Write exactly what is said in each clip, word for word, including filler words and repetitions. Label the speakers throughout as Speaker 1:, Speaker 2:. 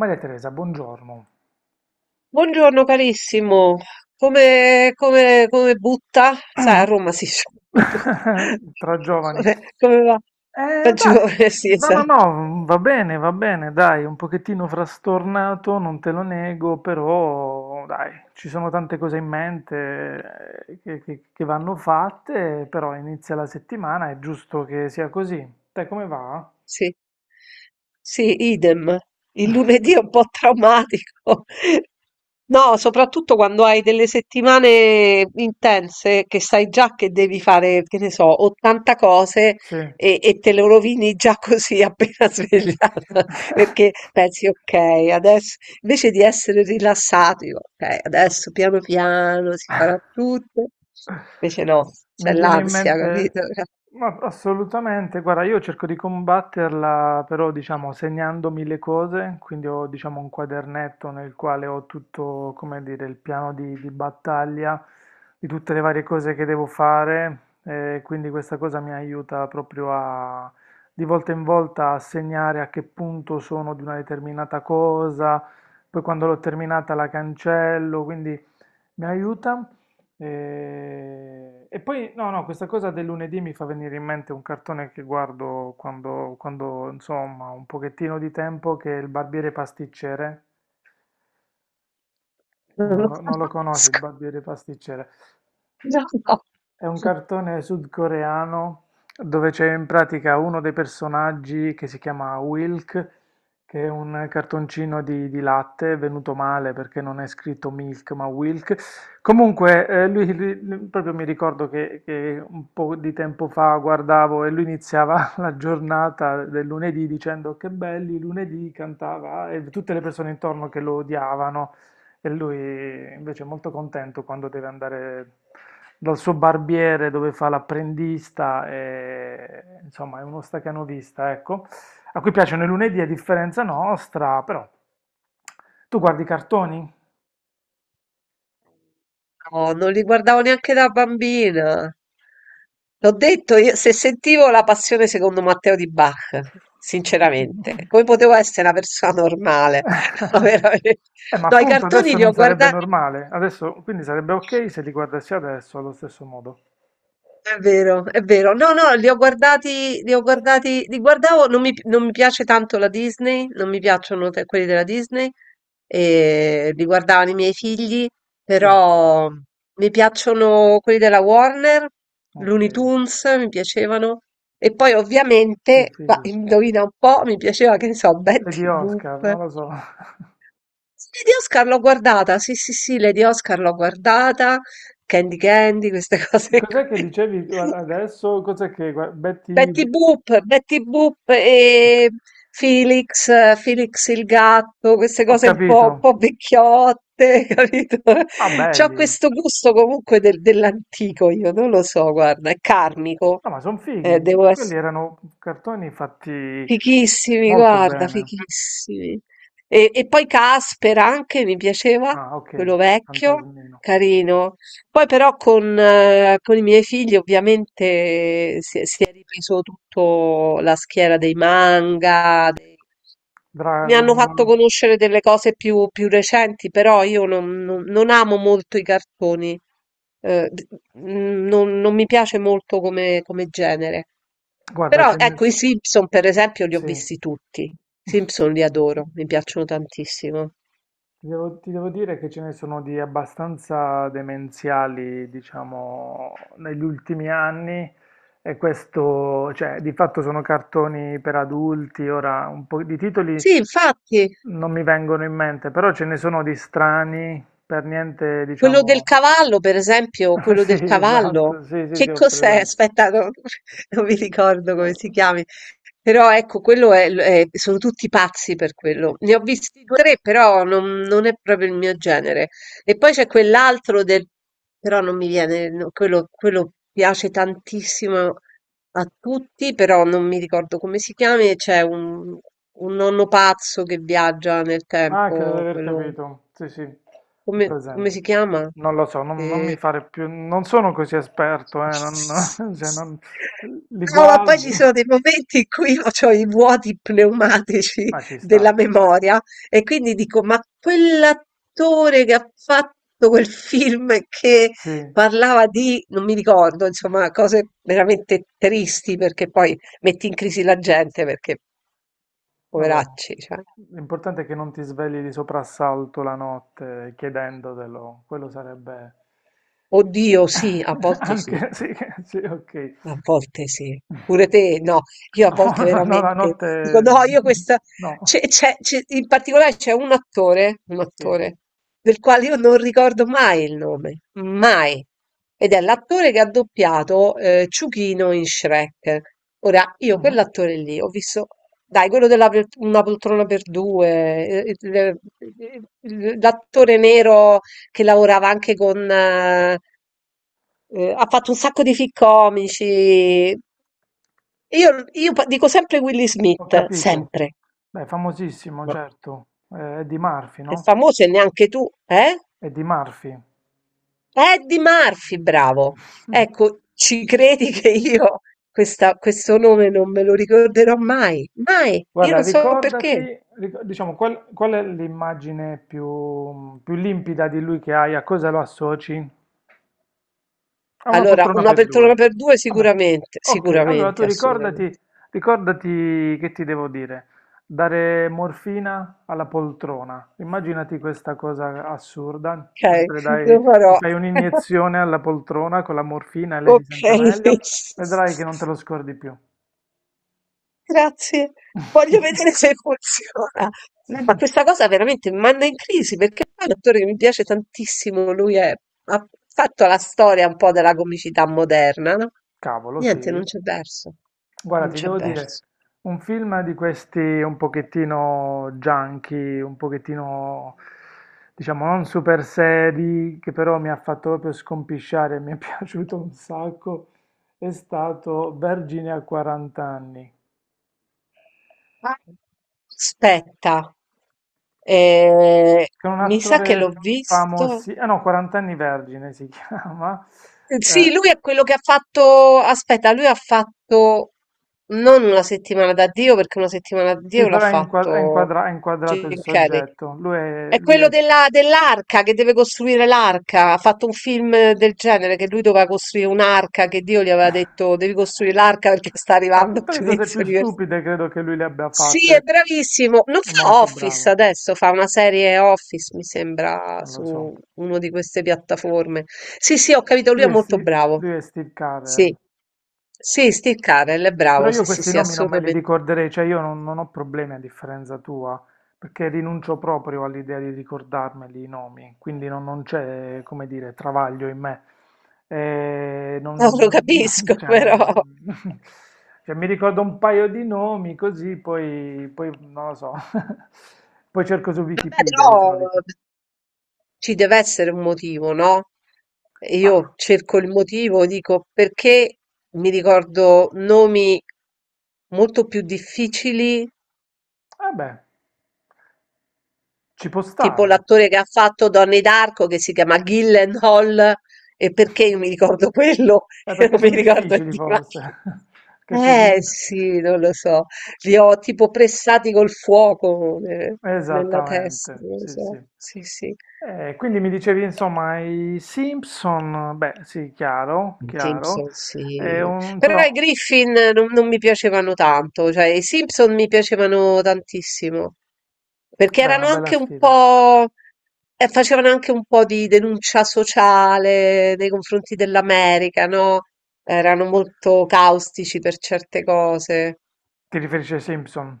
Speaker 1: Maria Teresa, buongiorno.
Speaker 2: Buongiorno carissimo, come, come- come butta? Sai, a Roma si dice butta.
Speaker 1: Tra giovani.
Speaker 2: Come, come va?
Speaker 1: Eh, dai,
Speaker 2: Peggiore, sì,
Speaker 1: no, no,
Speaker 2: esatto.
Speaker 1: no, va bene, va bene, dai, un pochettino frastornato, non te lo nego, però dai, ci sono tante cose in mente eh, che, che- che vanno fatte, però inizia la settimana, è giusto che sia così. Te come va?
Speaker 2: Sì. Sì, idem. Il lunedì è un po' traumatico. No, soprattutto quando hai delle settimane intense che sai già che devi fare, che ne so, ottanta cose
Speaker 1: Sì.
Speaker 2: e, e te le rovini già così appena svegliata, perché pensi, ok, adesso invece di essere rilassati, ok, adesso piano piano si farà tutto. Invece no, c'è
Speaker 1: Mi viene in
Speaker 2: l'ansia,
Speaker 1: mente,
Speaker 2: capito?
Speaker 1: ma assolutamente, guarda, io cerco di combatterla però diciamo segnandomi le cose, quindi ho diciamo un quadernetto nel quale ho tutto, come dire, il piano di, di battaglia di tutte le varie cose che devo fare, eh, quindi questa cosa mi aiuta proprio a di volta in volta a segnare a che punto sono di una determinata cosa, poi quando l'ho terminata la cancello, quindi mi aiuta. E... e poi, no, no, questa cosa del lunedì mi fa venire in mente un cartone che guardo quando, quando insomma, ho un pochettino di tempo, che è il barbiere pasticcere.
Speaker 2: Non
Speaker 1: Non
Speaker 2: lo
Speaker 1: lo, non lo conosci il
Speaker 2: conosco.
Speaker 1: barbiere pasticcere?
Speaker 2: No,
Speaker 1: È un cartone sudcoreano dove c'è in pratica uno dei personaggi che si chiama Wilk, che è un cartoncino di, di latte, è venuto male perché non è scritto Milk ma Wilk. Comunque, eh, lui, lui- lui- proprio mi ricordo che, che un po' di tempo fa guardavo e lui iniziava la giornata del lunedì dicendo che belli lunedì, cantava e tutte le persone intorno che lo odiavano. E lui invece è molto contento quando deve andare dal suo barbiere dove fa l'apprendista, e, insomma è uno stacanovista, ecco, a cui piacciono i lunedì a differenza nostra, però tu guardi i cartoni?
Speaker 2: no, non li guardavo neanche da bambina. L'ho detto, io, se sentivo la passione secondo Matteo di Bach, sinceramente, come potevo essere una persona normale? No, veramente.
Speaker 1: Eh, ma
Speaker 2: No, i
Speaker 1: appunto
Speaker 2: cartoni
Speaker 1: adesso
Speaker 2: li
Speaker 1: non
Speaker 2: ho
Speaker 1: sarebbe
Speaker 2: guardati.
Speaker 1: normale, adesso quindi sarebbe ok se li guardassi adesso allo stesso modo.
Speaker 2: È vero, è vero. No, no, li ho guardati, li ho guardati, li guardavo, non mi, non mi piace tanto la Disney, non mi piacciono te- quelli della Disney, e li guardavano i miei figli,
Speaker 1: Sì,
Speaker 2: però mi piacciono quelli della Warner,
Speaker 1: ok,
Speaker 2: Looney Tunes, mi piacevano, e poi
Speaker 1: sì,
Speaker 2: ovviamente, ma
Speaker 1: fighi.
Speaker 2: indovina un po', mi piaceva, che ne so,
Speaker 1: Lady
Speaker 2: Betty
Speaker 1: Oscar,
Speaker 2: Boop.
Speaker 1: non lo so.
Speaker 2: Sì, Lady Oscar l'ho guardata, sì, sì, sì, Lady Oscar l'ho guardata, Candy Candy, queste cose
Speaker 1: Cos'è che
Speaker 2: qui.
Speaker 1: dicevi tu a- adesso? Cos'è che gua-
Speaker 2: Betty
Speaker 1: Betty...
Speaker 2: Boop, Betty Boop
Speaker 1: ok.
Speaker 2: e Felix, eh, Felix il gatto, queste
Speaker 1: Ho
Speaker 2: cose un po', un
Speaker 1: capito.
Speaker 2: po', vecchiotte, capito?
Speaker 1: Ma
Speaker 2: C'ho
Speaker 1: belli.
Speaker 2: questo gusto comunque del- dell'antico, io non lo so, guarda, è karmico,
Speaker 1: No, ma sono
Speaker 2: eh,
Speaker 1: fighi.
Speaker 2: devo.
Speaker 1: Quelli erano cartoni fatti
Speaker 2: Fighissimi,
Speaker 1: molto
Speaker 2: guarda,
Speaker 1: bene.
Speaker 2: fighissimi. E, e poi Caspera anche mi piaceva,
Speaker 1: Ah, ok.
Speaker 2: quello vecchio,
Speaker 1: Fantasmino.
Speaker 2: carino. Poi però con, eh, con i miei figli ovviamente si, è si è ripreso tutto la schiera dei manga, mi
Speaker 1: Dragon
Speaker 2: hanno fatto
Speaker 1: Ball.
Speaker 2: conoscere delle cose più, più recenti, però io non, non- non amo molto i cartoni, eh, d- mm, non, non mi piace molto come, come genere.
Speaker 1: Guarda,
Speaker 2: Però
Speaker 1: ce ne
Speaker 2: ecco, i
Speaker 1: sono...
Speaker 2: Simpson per esempio li ho
Speaker 1: Sì.
Speaker 2: visti tutti. I Simpson li adoro, mi piacciono tantissimo.
Speaker 1: Ti devo, ti devo dire che ce ne sono di abbastanza demenziali, diciamo, negli ultimi anni. E questo, cioè, di fatto sono cartoni per adulti, ora un po' di titoli
Speaker 2: Sì, infatti.
Speaker 1: non mi vengono in mente, però ce ne sono di strani, per niente,
Speaker 2: Quello del
Speaker 1: diciamo.
Speaker 2: cavallo, per esempio, quello
Speaker 1: Sì,
Speaker 2: del cavallo,
Speaker 1: esatto, sì, sì, sì,
Speaker 2: che
Speaker 1: ho
Speaker 2: cos'è?
Speaker 1: presente.
Speaker 2: Aspetta, non, non mi ricordo come si chiami, però ecco, quello è, è- sono tutti pazzi per quello. Ne ho visti due o tre, però non, non è proprio il mio genere. E poi c'è quell'altro del, però non mi viene, no, quello, quello piace tantissimo a tutti, però non mi ricordo come si chiami, c'è un, un nonno pazzo che viaggia nel
Speaker 1: Ah, credo di
Speaker 2: tempo,
Speaker 1: aver
Speaker 2: quello.
Speaker 1: capito. Sì, sì, ho
Speaker 2: Come come
Speaker 1: presente.
Speaker 2: si chiama?
Speaker 1: Non lo so, non, non
Speaker 2: Ehm
Speaker 1: mi fare più, non sono così esperto, eh, non, cioè, non- li
Speaker 2: No, ma poi ci
Speaker 1: guardo,
Speaker 2: sono dei momenti in cui io c'ho i vuoti pneumatici
Speaker 1: ma ci sta.
Speaker 2: della memoria e quindi dico: "Ma quell'attore che ha fatto quel film che
Speaker 1: Sì.
Speaker 2: parlava di" non mi ricordo, insomma, cose veramente tristi perché poi metti in crisi la gente perché
Speaker 1: Vabbè,
Speaker 2: poveracci, cioè.
Speaker 1: l'importante è che non ti svegli di soprassalto la notte chiedendotelo, quello sarebbe
Speaker 2: Oddio sì, a volte sì.
Speaker 1: anche sì, sì, ok.
Speaker 2: A volte sì. Pure te? No, io a
Speaker 1: No,
Speaker 2: volte
Speaker 1: no, la
Speaker 2: veramente
Speaker 1: notte
Speaker 2: dico no, io questa.
Speaker 1: no,
Speaker 2: C'è, c'è- c'è- in particolare c'è un attore, un
Speaker 1: sì.
Speaker 2: attore, del quale io non ricordo mai il nome, mai. Ed è l'attore che ha doppiato eh, Ciuchino in Shrek. Ora, io
Speaker 1: Mhm.
Speaker 2: quell'attore lì ho visto, dai, quello della pol- Una poltrona per due, eh, il- il- l'attore nero che lavorava anche con. Eh, eh, ha fatto un sacco di film comici. Io, io pa- dico sempre Willy
Speaker 1: Ho
Speaker 2: Smith,
Speaker 1: capito.
Speaker 2: sempre.
Speaker 1: Beh, famosissimo,
Speaker 2: Ma
Speaker 1: certo. Eh, È di Murphy,
Speaker 2: è
Speaker 1: no?
Speaker 2: famoso e neanche tu, eh?
Speaker 1: È di Murphy.
Speaker 2: Eddie Murphy, bravo. Ecco, ci credi che io questa- questo nome non me lo ricorderò mai? Mai. Io
Speaker 1: Guarda,
Speaker 2: non so
Speaker 1: ricordati,
Speaker 2: perché.
Speaker 1: ric- diciamo, qual, qual è l'immagine più, più limpida di lui che hai? A cosa lo associ? A una
Speaker 2: Allora,
Speaker 1: poltrona
Speaker 2: una
Speaker 1: per
Speaker 2: persona
Speaker 1: due.
Speaker 2: per due
Speaker 1: Vabbè,
Speaker 2: sicuramente,
Speaker 1: ok, allora tu
Speaker 2: sicuramente, assolutamente.
Speaker 1: ricordati, ricordati che ti devo dire, dare morfina alla poltrona. Immaginati questa cosa assurda,
Speaker 2: Ok,
Speaker 1: mentre dai,
Speaker 2: lo
Speaker 1: ti
Speaker 2: farò.
Speaker 1: fai un'iniezione alla poltrona con la morfina e lei si sente
Speaker 2: Okay.
Speaker 1: meglio, vedrai che non te lo scordi più.
Speaker 2: Grazie. Voglio vedere se funziona.
Speaker 1: Sì.
Speaker 2: No, ma questa cosa veramente mi manda in crisi, perché poi è un attore che mi piace tantissimo, lui è ha fatto la storia un po' della comicità moderna, no,
Speaker 1: Cavolo,
Speaker 2: niente, non
Speaker 1: sì.
Speaker 2: c'è verso,
Speaker 1: Guarda,
Speaker 2: non
Speaker 1: ti
Speaker 2: c'è
Speaker 1: devo dire,
Speaker 2: verso.
Speaker 1: un film di questi un pochettino junky, un pochettino, diciamo, non super seri, che però mi ha fatto proprio scompisciare, mi è piaciuto un sacco, è stato Vergine a quaranta anni,
Speaker 2: Ah, aspetta, ehm,
Speaker 1: con un
Speaker 2: mi sa che l'ho
Speaker 1: attore
Speaker 2: visto.
Speaker 1: famoso, eh no, quaranta anni Vergine si chiama, eh,
Speaker 2: Sì, lui è quello che ha fatto, aspetta, lui ha fatto non una settimana da Dio, perché una settimana da
Speaker 1: sì,
Speaker 2: Dio l'ha
Speaker 1: però è, inqua- è
Speaker 2: fatto
Speaker 1: inquadra- è inquadrato il
Speaker 2: Jim Carrey.
Speaker 1: soggetto, lui è,
Speaker 2: È
Speaker 1: lui è
Speaker 2: quello della- dell'arca che deve costruire l'arca. Ha fatto un film del genere che lui doveva costruire un'arca che Dio gli aveva detto devi costruire l'arca perché sta
Speaker 1: Allora,
Speaker 2: arrivando il
Speaker 1: tutte le cose più
Speaker 2: giudizio universale.
Speaker 1: stupide credo che lui le abbia
Speaker 2: Sì, è
Speaker 1: fatte.
Speaker 2: bravissimo. Non
Speaker 1: È
Speaker 2: fa
Speaker 1: molto
Speaker 2: Office
Speaker 1: bravo,
Speaker 2: adesso, fa una serie Office, mi sembra,
Speaker 1: non lo so.
Speaker 2: su una di queste piattaforme. Sì, sì, ho capito, lui è
Speaker 1: Lui è,
Speaker 2: molto
Speaker 1: Steve,
Speaker 2: bravo.
Speaker 1: lui è Steve
Speaker 2: Sì,
Speaker 1: Carell.
Speaker 2: sì, Steve Carell è
Speaker 1: Però
Speaker 2: bravo,
Speaker 1: io
Speaker 2: sì, sì,
Speaker 1: questi
Speaker 2: sì,
Speaker 1: nomi non me li
Speaker 2: assolutamente.
Speaker 1: ricorderei, cioè io non, non ho problemi a differenza tua, perché rinuncio proprio all'idea di ricordarmeli i nomi, quindi non, non c'è, come dire, travaglio in me. Eh,
Speaker 2: No, lo
Speaker 1: non-
Speaker 2: capisco,
Speaker 1: cioè,
Speaker 2: però. Vabbè,
Speaker 1: non- cioè, mi ricordo un paio di nomi così, poi, poi non lo so, poi cerco su
Speaker 2: però
Speaker 1: Wikipedia di solito.
Speaker 2: ci deve essere un motivo, no? E io
Speaker 1: Ma,
Speaker 2: cerco il motivo, dico perché mi ricordo nomi molto più difficili.
Speaker 1: vabbè, ci può
Speaker 2: Tipo
Speaker 1: stare.
Speaker 2: l'attore che ha fatto Donne d'Arco che si chiama Gyllenhaal e perché io mi ricordo quello
Speaker 1: Eh,
Speaker 2: e
Speaker 1: perché
Speaker 2: non mi
Speaker 1: sono
Speaker 2: ricordo
Speaker 1: difficili
Speaker 2: di ma
Speaker 1: forse, che ti
Speaker 2: eh
Speaker 1: dico.
Speaker 2: sì, non lo so, li ho tipo pressati col fuoco ne- nella testa,
Speaker 1: Esattamente,
Speaker 2: non lo
Speaker 1: sì,
Speaker 2: so,
Speaker 1: sì.
Speaker 2: sì sì.
Speaker 1: Eh, quindi mi dicevi, insomma, i Simpson, beh, sì, chiaro,
Speaker 2: I
Speaker 1: chiaro,
Speaker 2: Simpson,
Speaker 1: è
Speaker 2: sì.
Speaker 1: un,
Speaker 2: Però
Speaker 1: insomma,
Speaker 2: i Griffin non, non mi piacevano tanto, cioè i Simpson mi piacevano tantissimo, perché
Speaker 1: beh, una
Speaker 2: erano
Speaker 1: bella
Speaker 2: anche un
Speaker 1: sfida.
Speaker 2: po', eh, facevano anche un po' di denuncia sociale nei confronti dell'America, no? Erano molto caustici per certe cose.
Speaker 1: Ti riferisci ai Simpson?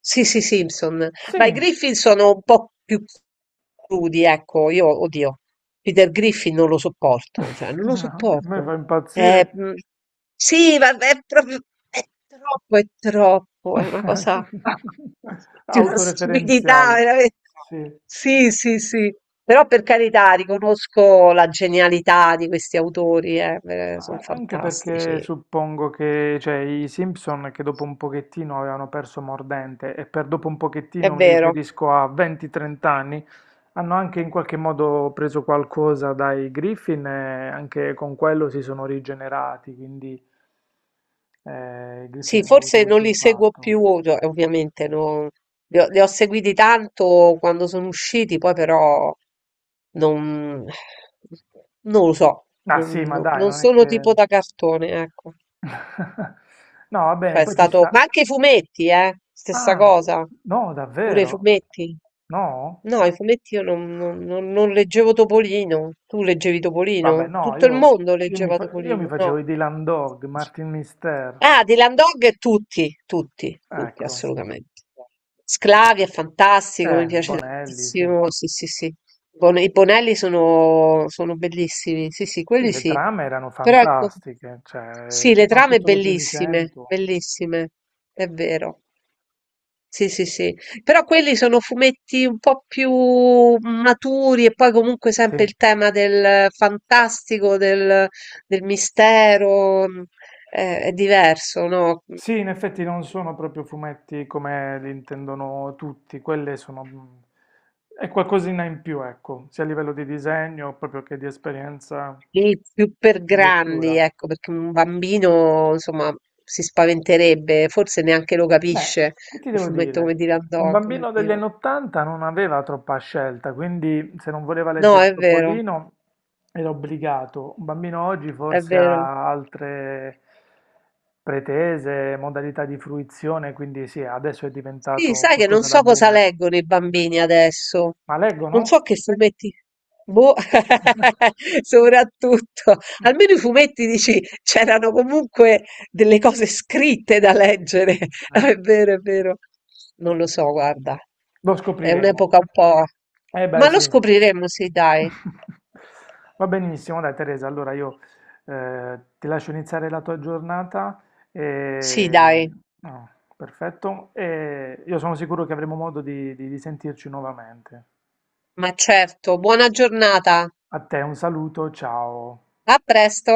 Speaker 2: Sì, sì, Simpson.
Speaker 1: Sì.
Speaker 2: Ma i Griffin sono un po' più crudi, ecco, io, oddio, Peter Griffin non lo sopporto, cioè, non lo
Speaker 1: No, mi fa
Speaker 2: sopporto.
Speaker 1: impazzire.
Speaker 2: Eh, mm, sì, ma è proprio, è troppo, è troppo, è una cosa di una
Speaker 1: Autoreferenziale,
Speaker 2: stupidità, veramente.
Speaker 1: sì.
Speaker 2: Sì, sì, sì. Però per carità, riconosco la genialità di questi autori, eh, eh,
Speaker 1: Ma
Speaker 2: sono
Speaker 1: a- anche perché
Speaker 2: fantastici,
Speaker 1: suppongo che, cioè, i Simpson che dopo un pochettino avevano perso mordente, e per dopo un
Speaker 2: è
Speaker 1: pochettino mi
Speaker 2: vero.
Speaker 1: riferisco a venti a trenta anni, hanno anche in qualche modo preso qualcosa dai Griffin e anche con quello si sono rigenerati, quindi eh, i Griffin
Speaker 2: Sì,
Speaker 1: hanno avuto
Speaker 2: forse non
Speaker 1: questo
Speaker 2: li seguo
Speaker 1: impatto.
Speaker 2: più, ov- ovviamente, non- li ho, li ho, seguiti tanto quando sono usciti, poi però non, non lo so,
Speaker 1: Ah
Speaker 2: non,
Speaker 1: sì, ma
Speaker 2: non-
Speaker 1: dai,
Speaker 2: non
Speaker 1: non è
Speaker 2: sono
Speaker 1: che...
Speaker 2: tipo da cartone, ecco.
Speaker 1: No, va bene,
Speaker 2: Cioè, è
Speaker 1: poi ci
Speaker 2: stato, ma
Speaker 1: sta...
Speaker 2: anche i fumetti, eh, stessa
Speaker 1: Ah,
Speaker 2: cosa,
Speaker 1: no,
Speaker 2: pure i
Speaker 1: davvero?
Speaker 2: fumetti.
Speaker 1: No?
Speaker 2: No, i fumetti io non, non- non- non leggevo Topolino, tu leggevi
Speaker 1: Vabbè,
Speaker 2: Topolino,
Speaker 1: no,
Speaker 2: tutto il
Speaker 1: io,
Speaker 2: mondo
Speaker 1: io mi,
Speaker 2: leggeva
Speaker 1: fa- io mi
Speaker 2: Topolino,
Speaker 1: facevo
Speaker 2: no.
Speaker 1: i Dylan Dog, Martin Mister,
Speaker 2: Ah, Dylan Dog tutti, tutti, tutti,
Speaker 1: ecco.
Speaker 2: assolutamente. Sclavi è fantastico, mi
Speaker 1: Eh,
Speaker 2: piace
Speaker 1: Bonelli, sì.
Speaker 2: tantissimo. Sì, sì, sì. Bon- I Bonelli sono, sono bellissimi, sì, sì,
Speaker 1: Sì,
Speaker 2: quelli
Speaker 1: le
Speaker 2: sì.
Speaker 1: trame erano
Speaker 2: Però ecco,
Speaker 1: fantastiche, cioè,
Speaker 2: sì, le trame
Speaker 1: soprattutto dei primi
Speaker 2: bellissime,
Speaker 1: cento.
Speaker 2: bellissime, è vero. Sì, sì, sì. Però quelli sono fumetti un po' più maturi e poi comunque
Speaker 1: Sì.
Speaker 2: sempre il tema del fantastico, del, del mistero, mh, eh, è diverso, no?
Speaker 1: Sì, in effetti non sono proprio fumetti come li intendono tutti, quelle sono... mh, è qualcosina in più, ecco, sia a livello di disegno proprio che di esperienza
Speaker 2: Lì più per
Speaker 1: di
Speaker 2: grandi,
Speaker 1: lettura.
Speaker 2: ecco, perché un bambino, insomma, si spaventerebbe, forse neanche lo
Speaker 1: Beh,
Speaker 2: capisce,
Speaker 1: che ti
Speaker 2: un
Speaker 1: devo
Speaker 2: fumetto come
Speaker 1: dire?
Speaker 2: Dylan
Speaker 1: Un
Speaker 2: Dog.
Speaker 1: bambino degli
Speaker 2: Oddio.
Speaker 1: anni ottanta non aveva troppa scelta, quindi se non voleva
Speaker 2: No,
Speaker 1: leggere
Speaker 2: è vero,
Speaker 1: Topolino era obbligato. Un bambino oggi
Speaker 2: è
Speaker 1: forse
Speaker 2: vero.
Speaker 1: ha altre pretese, modalità di fruizione, quindi sì, adesso è
Speaker 2: Sì,
Speaker 1: diventato
Speaker 2: sai che non
Speaker 1: qualcosa da
Speaker 2: so cosa
Speaker 1: boomer.
Speaker 2: leggono i bambini adesso.
Speaker 1: Ma
Speaker 2: Non
Speaker 1: leggono?
Speaker 2: so che fumetti. Boh, soprattutto. Almeno i fumetti dici, c'erano comunque delle cose scritte da leggere.
Speaker 1: Eh.
Speaker 2: Ah, è vero, è vero. Non lo so, guarda.
Speaker 1: Lo
Speaker 2: È
Speaker 1: scopriremo.
Speaker 2: un'epoca un po'.
Speaker 1: Eh beh,
Speaker 2: Ma lo
Speaker 1: sì.
Speaker 2: scopriremo, sì, dai.
Speaker 1: Va benissimo, dai Teresa, allora io eh, ti lascio iniziare la tua giornata
Speaker 2: Sì,
Speaker 1: e...
Speaker 2: dai.
Speaker 1: no, perfetto, e io sono sicuro che avremo modo di di- di sentirci nuovamente.
Speaker 2: Ma certo. Buona giornata.
Speaker 1: A te un saluto, ciao.
Speaker 2: A presto.